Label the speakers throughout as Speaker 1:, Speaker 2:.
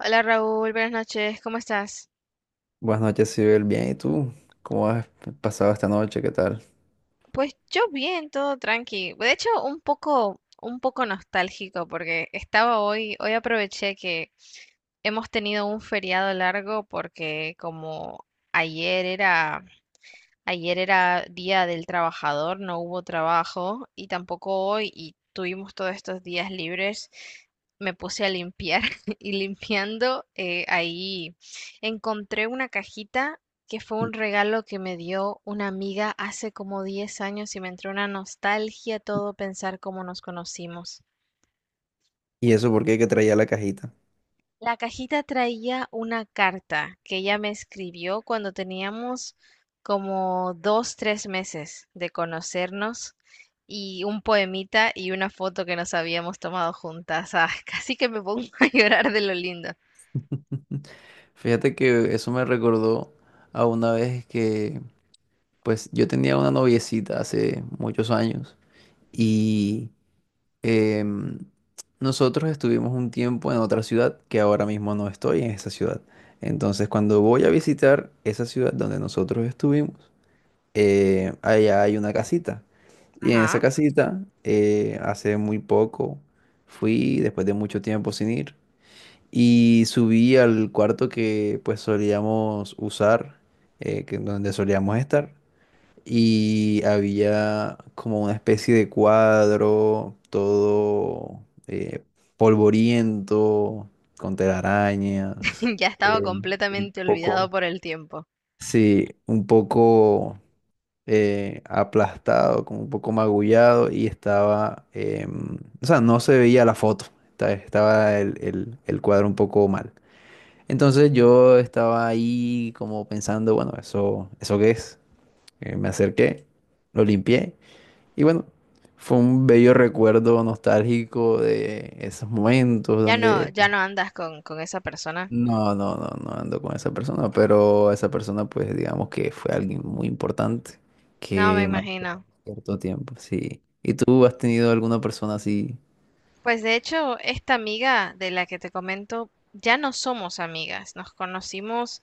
Speaker 1: Hola Raúl, buenas noches, ¿cómo estás?
Speaker 2: Buenas noches, Sibel. Bien, ¿y tú? ¿Cómo has pasado esta noche? ¿Qué tal?
Speaker 1: Pues yo bien, todo tranqui. De hecho, un poco nostálgico porque hoy aproveché que hemos tenido un feriado largo porque como ayer era Ayer era Día del Trabajador, no hubo trabajo y tampoco hoy y tuvimos todos estos días libres. Me puse a limpiar y limpiando ahí encontré una cajita que fue un regalo que me dio una amiga hace como 10 años y me entró una nostalgia todo pensar cómo nos conocimos.
Speaker 2: ¿Y eso por qué que traía la cajita?
Speaker 1: La cajita traía una carta que ella me escribió cuando teníamos como dos, tres meses de conocernos y un poemita y una foto que nos habíamos tomado juntas. Ah, casi que me pongo a llorar de lo lindo.
Speaker 2: Fíjate que eso me recordó a una vez que, pues, yo tenía una noviecita hace muchos años y em, nosotros estuvimos un tiempo en otra ciudad que ahora mismo no estoy en esa ciudad. Entonces, cuando voy a visitar esa ciudad donde nosotros estuvimos, allá hay una casita. Y en esa
Speaker 1: Ajá.
Speaker 2: casita, hace muy poco, fui después de mucho tiempo sin ir y subí al cuarto que pues solíamos usar, donde solíamos estar. Y había como una especie de cuadro, todo eh, polvoriento, con telarañas,
Speaker 1: Ya estaba
Speaker 2: eh, un
Speaker 1: completamente olvidado
Speaker 2: poco,
Speaker 1: por el tiempo.
Speaker 2: sí, un poco aplastado, como un poco magullado y estaba, o sea, no se veía la foto, estaba el cuadro un poco mal. Entonces yo estaba ahí como pensando, bueno, ¿eso qué es? Me acerqué, lo limpié y bueno, fue un bello recuerdo nostálgico de esos momentos
Speaker 1: Ya no,
Speaker 2: donde
Speaker 1: ya no andas con esa persona.
Speaker 2: no, no, no, no ando con esa persona, pero esa persona, pues digamos que fue alguien muy importante
Speaker 1: No, me
Speaker 2: que
Speaker 1: imagino.
Speaker 2: marcó cierto tiempo, sí. ¿Y tú has tenido alguna persona así?
Speaker 1: Pues de hecho, esta amiga de la que te comento, ya no somos amigas. Nos conocimos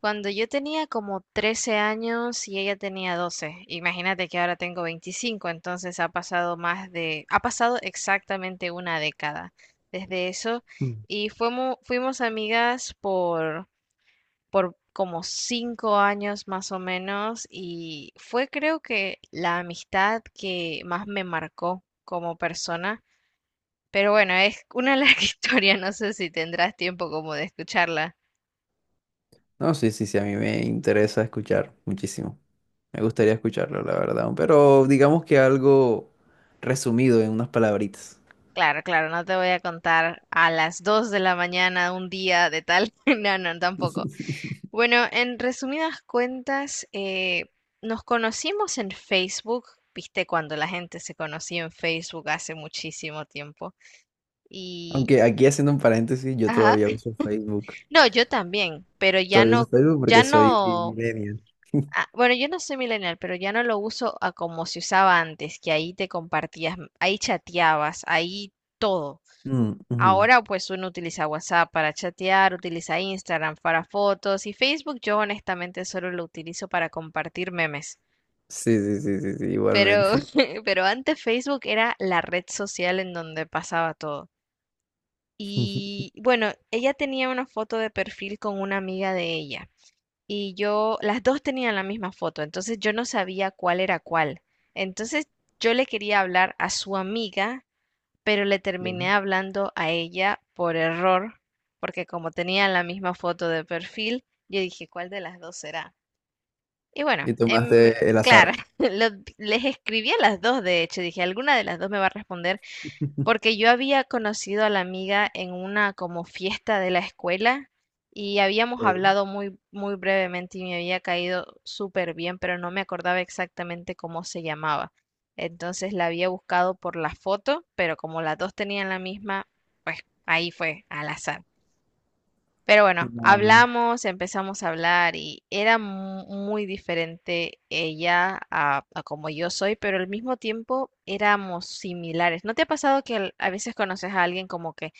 Speaker 1: cuando yo tenía como 13 años y ella tenía 12. Imagínate que ahora tengo 25, entonces ha pasado ha pasado exactamente una década desde eso.
Speaker 2: Mm.
Speaker 1: Y fuimos amigas por como 5 años más o menos y fue creo que la amistad que más me marcó como persona, pero bueno, es una larga historia, no sé si tendrás tiempo como de escucharla.
Speaker 2: No, sí, sí, sí, a mí me interesa escuchar muchísimo. Me gustaría escucharlo, la verdad, pero digamos que algo resumido en unas palabritas.
Speaker 1: Claro, claro, no te voy a contar a las 2 de la mañana un día de tal. No, no, tampoco. Bueno, en resumidas cuentas, nos conocimos en Facebook, viste, cuando la gente se conocía en Facebook hace muchísimo tiempo. Y,
Speaker 2: Aunque aquí haciendo un paréntesis, yo
Speaker 1: ajá,
Speaker 2: todavía uso Facebook.
Speaker 1: no, yo también, pero ya
Speaker 2: Todavía uso
Speaker 1: no,
Speaker 2: Facebook
Speaker 1: ya
Speaker 2: porque soy
Speaker 1: no
Speaker 2: millennial.
Speaker 1: Ah, bueno, yo no soy millennial, pero ya no lo uso a como se usaba antes, que ahí te compartías, ahí chateabas, ahí todo.
Speaker 2: Mm, ujú.
Speaker 1: Ahora pues uno utiliza WhatsApp para chatear, utiliza Instagram para fotos y Facebook yo honestamente solo lo utilizo para compartir memes.
Speaker 2: Sí, sí, sí, sí, sí,
Speaker 1: Pero,
Speaker 2: igualmente.
Speaker 1: pero antes Facebook era la red social en donde pasaba todo. Y bueno, ella tenía una foto de perfil con una amiga de ella. Y yo, las dos tenían la misma foto, entonces yo no sabía cuál era cuál. Entonces yo le quería hablar a su amiga, pero le
Speaker 2: Sí.
Speaker 1: terminé hablando a ella por error, porque como tenían la misma foto de perfil, yo dije, ¿cuál de las dos será? Y bueno,
Speaker 2: Y tomaste el
Speaker 1: claro,
Speaker 2: azar.
Speaker 1: lo- les escribí a las dos, de hecho, dije, alguna de las dos me va a responder porque yo había conocido a la amiga en una como fiesta de la escuela y habíamos
Speaker 2: Ok.
Speaker 1: hablado muy, muy brevemente y me había caído súper bien, pero no me acordaba exactamente cómo se llamaba. Entonces la había buscado por la foto, pero como las dos tenían la misma, pues ahí fue al azar. Pero bueno,
Speaker 2: No,
Speaker 1: hablamos, empezamos a hablar y era muy diferente ella a como yo soy, pero al mismo tiempo éramos similares. ¿No te ha pasado que a veces conoces a alguien como que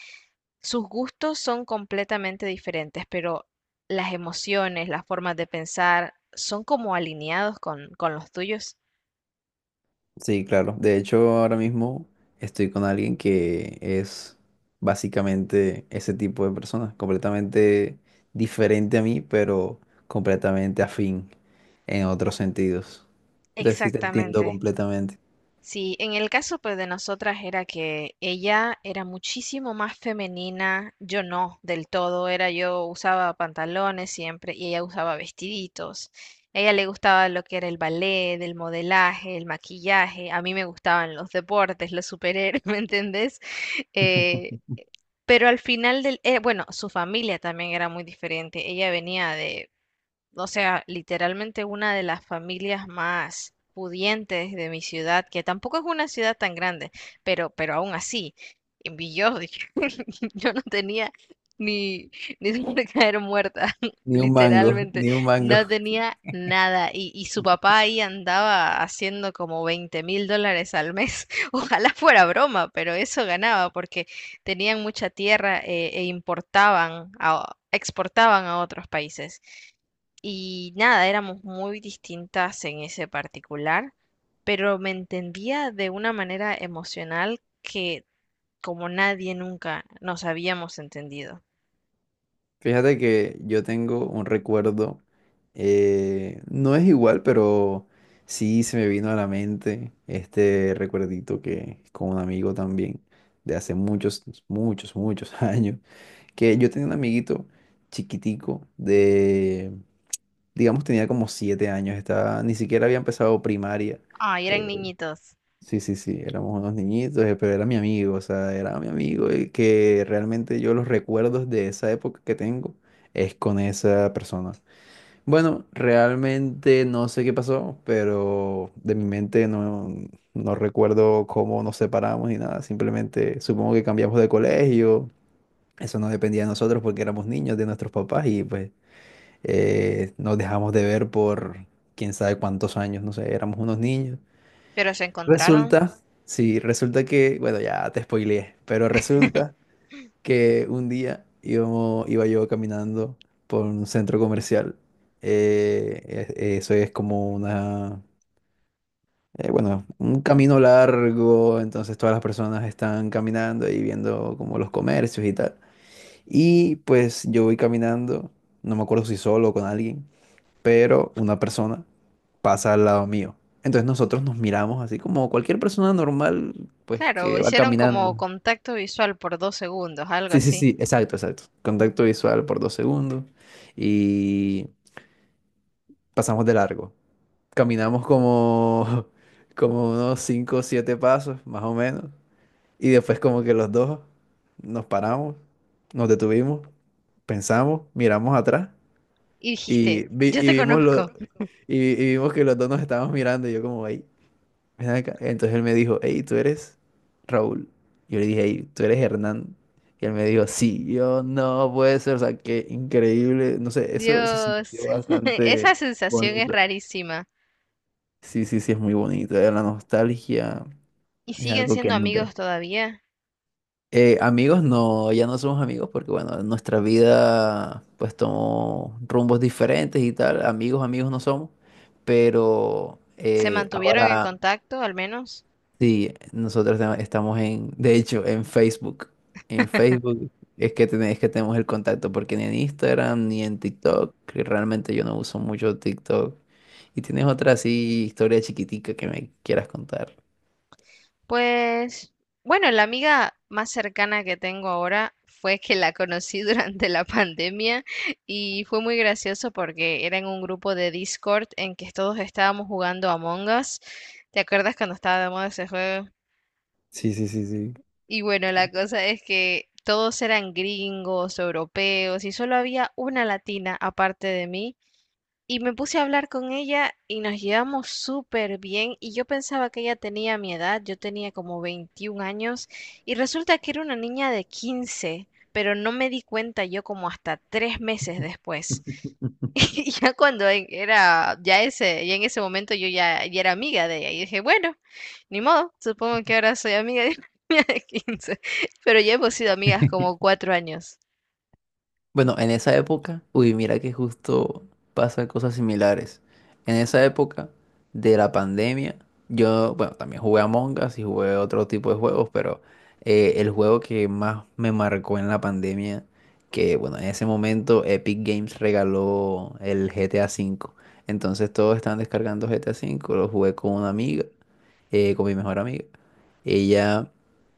Speaker 1: sus gustos son completamente diferentes, pero las emociones, las formas de pensar son como alineados con los tuyos?
Speaker 2: sí, claro. De hecho, ahora mismo estoy con alguien que es básicamente ese tipo de persona, completamente diferente a mí, pero completamente afín en otros sentidos. Entonces sí te entiendo
Speaker 1: Exactamente.
Speaker 2: completamente.
Speaker 1: Sí, en el caso pues de nosotras era que ella era muchísimo más femenina, yo no, del todo, era yo usaba pantalones siempre y ella usaba vestiditos. A ella le gustaba lo que era el ballet, el modelaje, el maquillaje, a mí me gustaban los deportes, los superhéroes, ¿me entendés? Eh, pero bueno, su familia también era muy diferente, ella venía de o sea, literalmente una de las familias más pudientes de mi ciudad, que tampoco es una ciudad tan grande, pero, aún así, en yo, yo no tenía ni, ni dónde caer muerta,
Speaker 2: Ni un mango,
Speaker 1: literalmente,
Speaker 2: ni un mango.
Speaker 1: no tenía nada. Y su papá ahí andaba haciendo como 20.000 dólares al mes. Ojalá fuera broma, pero eso ganaba porque tenían mucha tierra e importaban, exportaban a otros países. Y nada, éramos muy distintas en ese particular, pero me entendía de una manera emocional que como nadie nunca nos habíamos entendido.
Speaker 2: Fíjate que yo tengo un recuerdo, no es igual, pero sí se me vino a la mente este recuerdito que con un amigo también de hace muchos, muchos, muchos años, que yo tenía un amiguito chiquitico de, digamos, tenía como 7 años, estaba, ni siquiera había empezado primaria,
Speaker 1: Ay, eran
Speaker 2: eh,
Speaker 1: niñitos,
Speaker 2: Sí, sí, sí, éramos unos niñitos, pero era mi amigo, o sea, era mi amigo y que realmente yo los recuerdos de esa época que tengo es con esa persona. Bueno, realmente no sé qué pasó, pero de mi mente no, no recuerdo cómo nos separamos ni nada, simplemente supongo que cambiamos de colegio, eso no dependía de nosotros porque éramos niños de nuestros papás y pues nos dejamos de ver por quién sabe cuántos años, no sé, éramos unos niños.
Speaker 1: pero se encontraron.
Speaker 2: Resulta, sí, resulta que, bueno, ya te spoileé, pero resulta que un día iba yo caminando por un centro comercial. eh, Eso es como bueno, un camino largo, entonces todas las personas están caminando y viendo como los comercios y tal. Y pues yo voy caminando, no me acuerdo si solo o con alguien pero una persona pasa al lado mío. Entonces nosotros nos miramos así como cualquier persona normal, pues
Speaker 1: Claro,
Speaker 2: que va
Speaker 1: hicieron como
Speaker 2: caminando.
Speaker 1: contacto visual por 2 segundos, algo
Speaker 2: Sí, sí,
Speaker 1: así.
Speaker 2: sí, exacto, exacto. Contacto visual por 2 segundos y pasamos de largo. Caminamos como, como unos 5 o 7 pasos, más o menos. Y después como que los dos nos paramos, nos detuvimos, pensamos, miramos atrás
Speaker 1: Y dijiste,
Speaker 2: y, vi-
Speaker 1: yo
Speaker 2: y
Speaker 1: te
Speaker 2: vimos lo-
Speaker 1: conozco.
Speaker 2: y vimos que los dos nos estábamos mirando y yo como, ahí ven acá". Entonces él me dijo, hey, ¿tú eres Raúl? Yo le dije, hey, ¿tú eres Hernán? Y él me dijo, sí, y yo no puede ser, o sea, qué increíble, no sé, eso se
Speaker 1: Dios,
Speaker 2: sintió bastante
Speaker 1: esa sensación es
Speaker 2: bonito.
Speaker 1: rarísima.
Speaker 2: Sí, sí, sí, es muy bonito, La nostalgia
Speaker 1: ¿Y
Speaker 2: es
Speaker 1: siguen
Speaker 2: algo que
Speaker 1: siendo amigos
Speaker 2: nutre.
Speaker 1: todavía?
Speaker 2: Amigos, no, ya no somos amigos porque, bueno, nuestra vida pues tomó rumbos diferentes y tal, amigos, amigos no somos, pero
Speaker 1: ¿Se mantuvieron en
Speaker 2: ahora...
Speaker 1: contacto al menos?
Speaker 2: Sí, nosotros estamos en, de hecho, en Facebook. En Facebook es que tenemos el contacto, porque ni en Instagram ni en TikTok, que realmente yo no uso mucho TikTok. Y tienes otra así historia chiquitica que me quieras contar.
Speaker 1: Pues, bueno, la amiga más cercana que tengo ahora fue que la conocí durante la pandemia y fue muy gracioso porque era en un grupo de Discord en que todos estábamos jugando Among Us. ¿Te acuerdas cuando estaba de moda ese juego?
Speaker 2: Sí, sí, sí, sí.
Speaker 1: Y bueno, la cosa es que todos eran gringos, europeos y solo había una latina aparte de mí. Y me puse a hablar con ella y nos llevamos súper bien y yo pensaba que ella tenía mi edad, yo tenía como 21 años y resulta que era una niña de 15, pero no me di cuenta yo como hasta 3 meses después. Y ya cuando ya en ese momento yo ya era amiga de ella y dije, bueno, ni modo, supongo que ahora soy amiga de una niña de 15, pero ya hemos sido amigas como 4 años.
Speaker 2: Bueno, en esa época, uy, mira que justo pasan cosas similares. En esa época de la pandemia, yo, bueno, también jugué a Us y jugué otro tipo de juegos, pero el juego que más me marcó en la pandemia, que bueno, en ese momento Epic Games regaló el GTA V. Entonces todos estaban descargando GTA V, lo jugué con una amiga con mi mejor amiga. Ella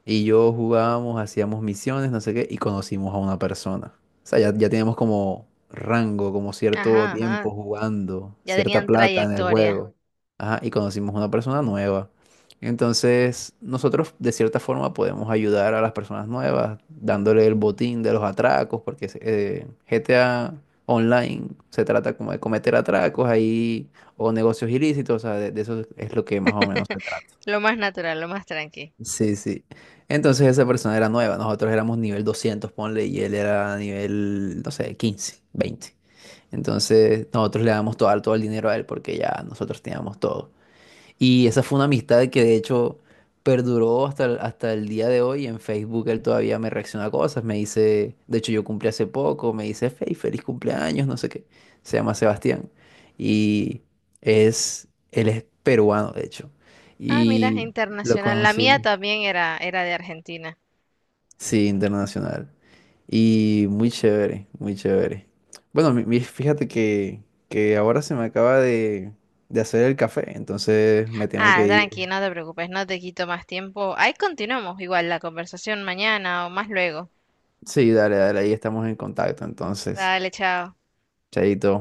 Speaker 2: y yo jugábamos, hacíamos misiones, no sé qué, y conocimos a una persona. O sea, ya, ya teníamos como rango, como cierto
Speaker 1: Ajá,
Speaker 2: tiempo
Speaker 1: ajá,
Speaker 2: jugando,
Speaker 1: ya
Speaker 2: cierta
Speaker 1: tenían
Speaker 2: plata en el
Speaker 1: trayectoria.
Speaker 2: juego. Ajá, y conocimos a una persona nueva. Entonces, nosotros de cierta forma podemos ayudar a las personas nuevas, dándole el botín de los atracos, porque GTA Online se trata como de cometer atracos ahí o negocios ilícitos, o sea, de eso es lo que más o menos se trata.
Speaker 1: Lo más natural, lo más tranqui.
Speaker 2: Sí, sí. Entonces esa persona era nueva, nosotros éramos nivel 200, ponle, y él era nivel, no sé, 15, 20. Entonces nosotros le damos todo, todo el dinero a él porque ya nosotros teníamos todo. Y esa fue una amistad que de hecho perduró hasta el día de hoy. En Facebook él todavía me reacciona a cosas, me dice, de hecho yo cumplí hace poco, me dice, Fey, feliz cumpleaños, no sé qué. Se llama Sebastián. Y es, él es peruano, de hecho.
Speaker 1: Ah, mira,
Speaker 2: Y lo
Speaker 1: internacional. La mía
Speaker 2: conocimos.
Speaker 1: también era de Argentina.
Speaker 2: Sí, internacional. Y muy chévere, muy chévere. Bueno, fíjate que ahora se me acaba de hacer el café, entonces me tengo
Speaker 1: Ah,
Speaker 2: que
Speaker 1: tranqui,
Speaker 2: ir.
Speaker 1: no te preocupes, no te quito más tiempo. Ahí continuamos igual la conversación mañana o más luego.
Speaker 2: Sí, dale, dale, ahí estamos en contacto, entonces.
Speaker 1: Dale, chao.
Speaker 2: Chaito.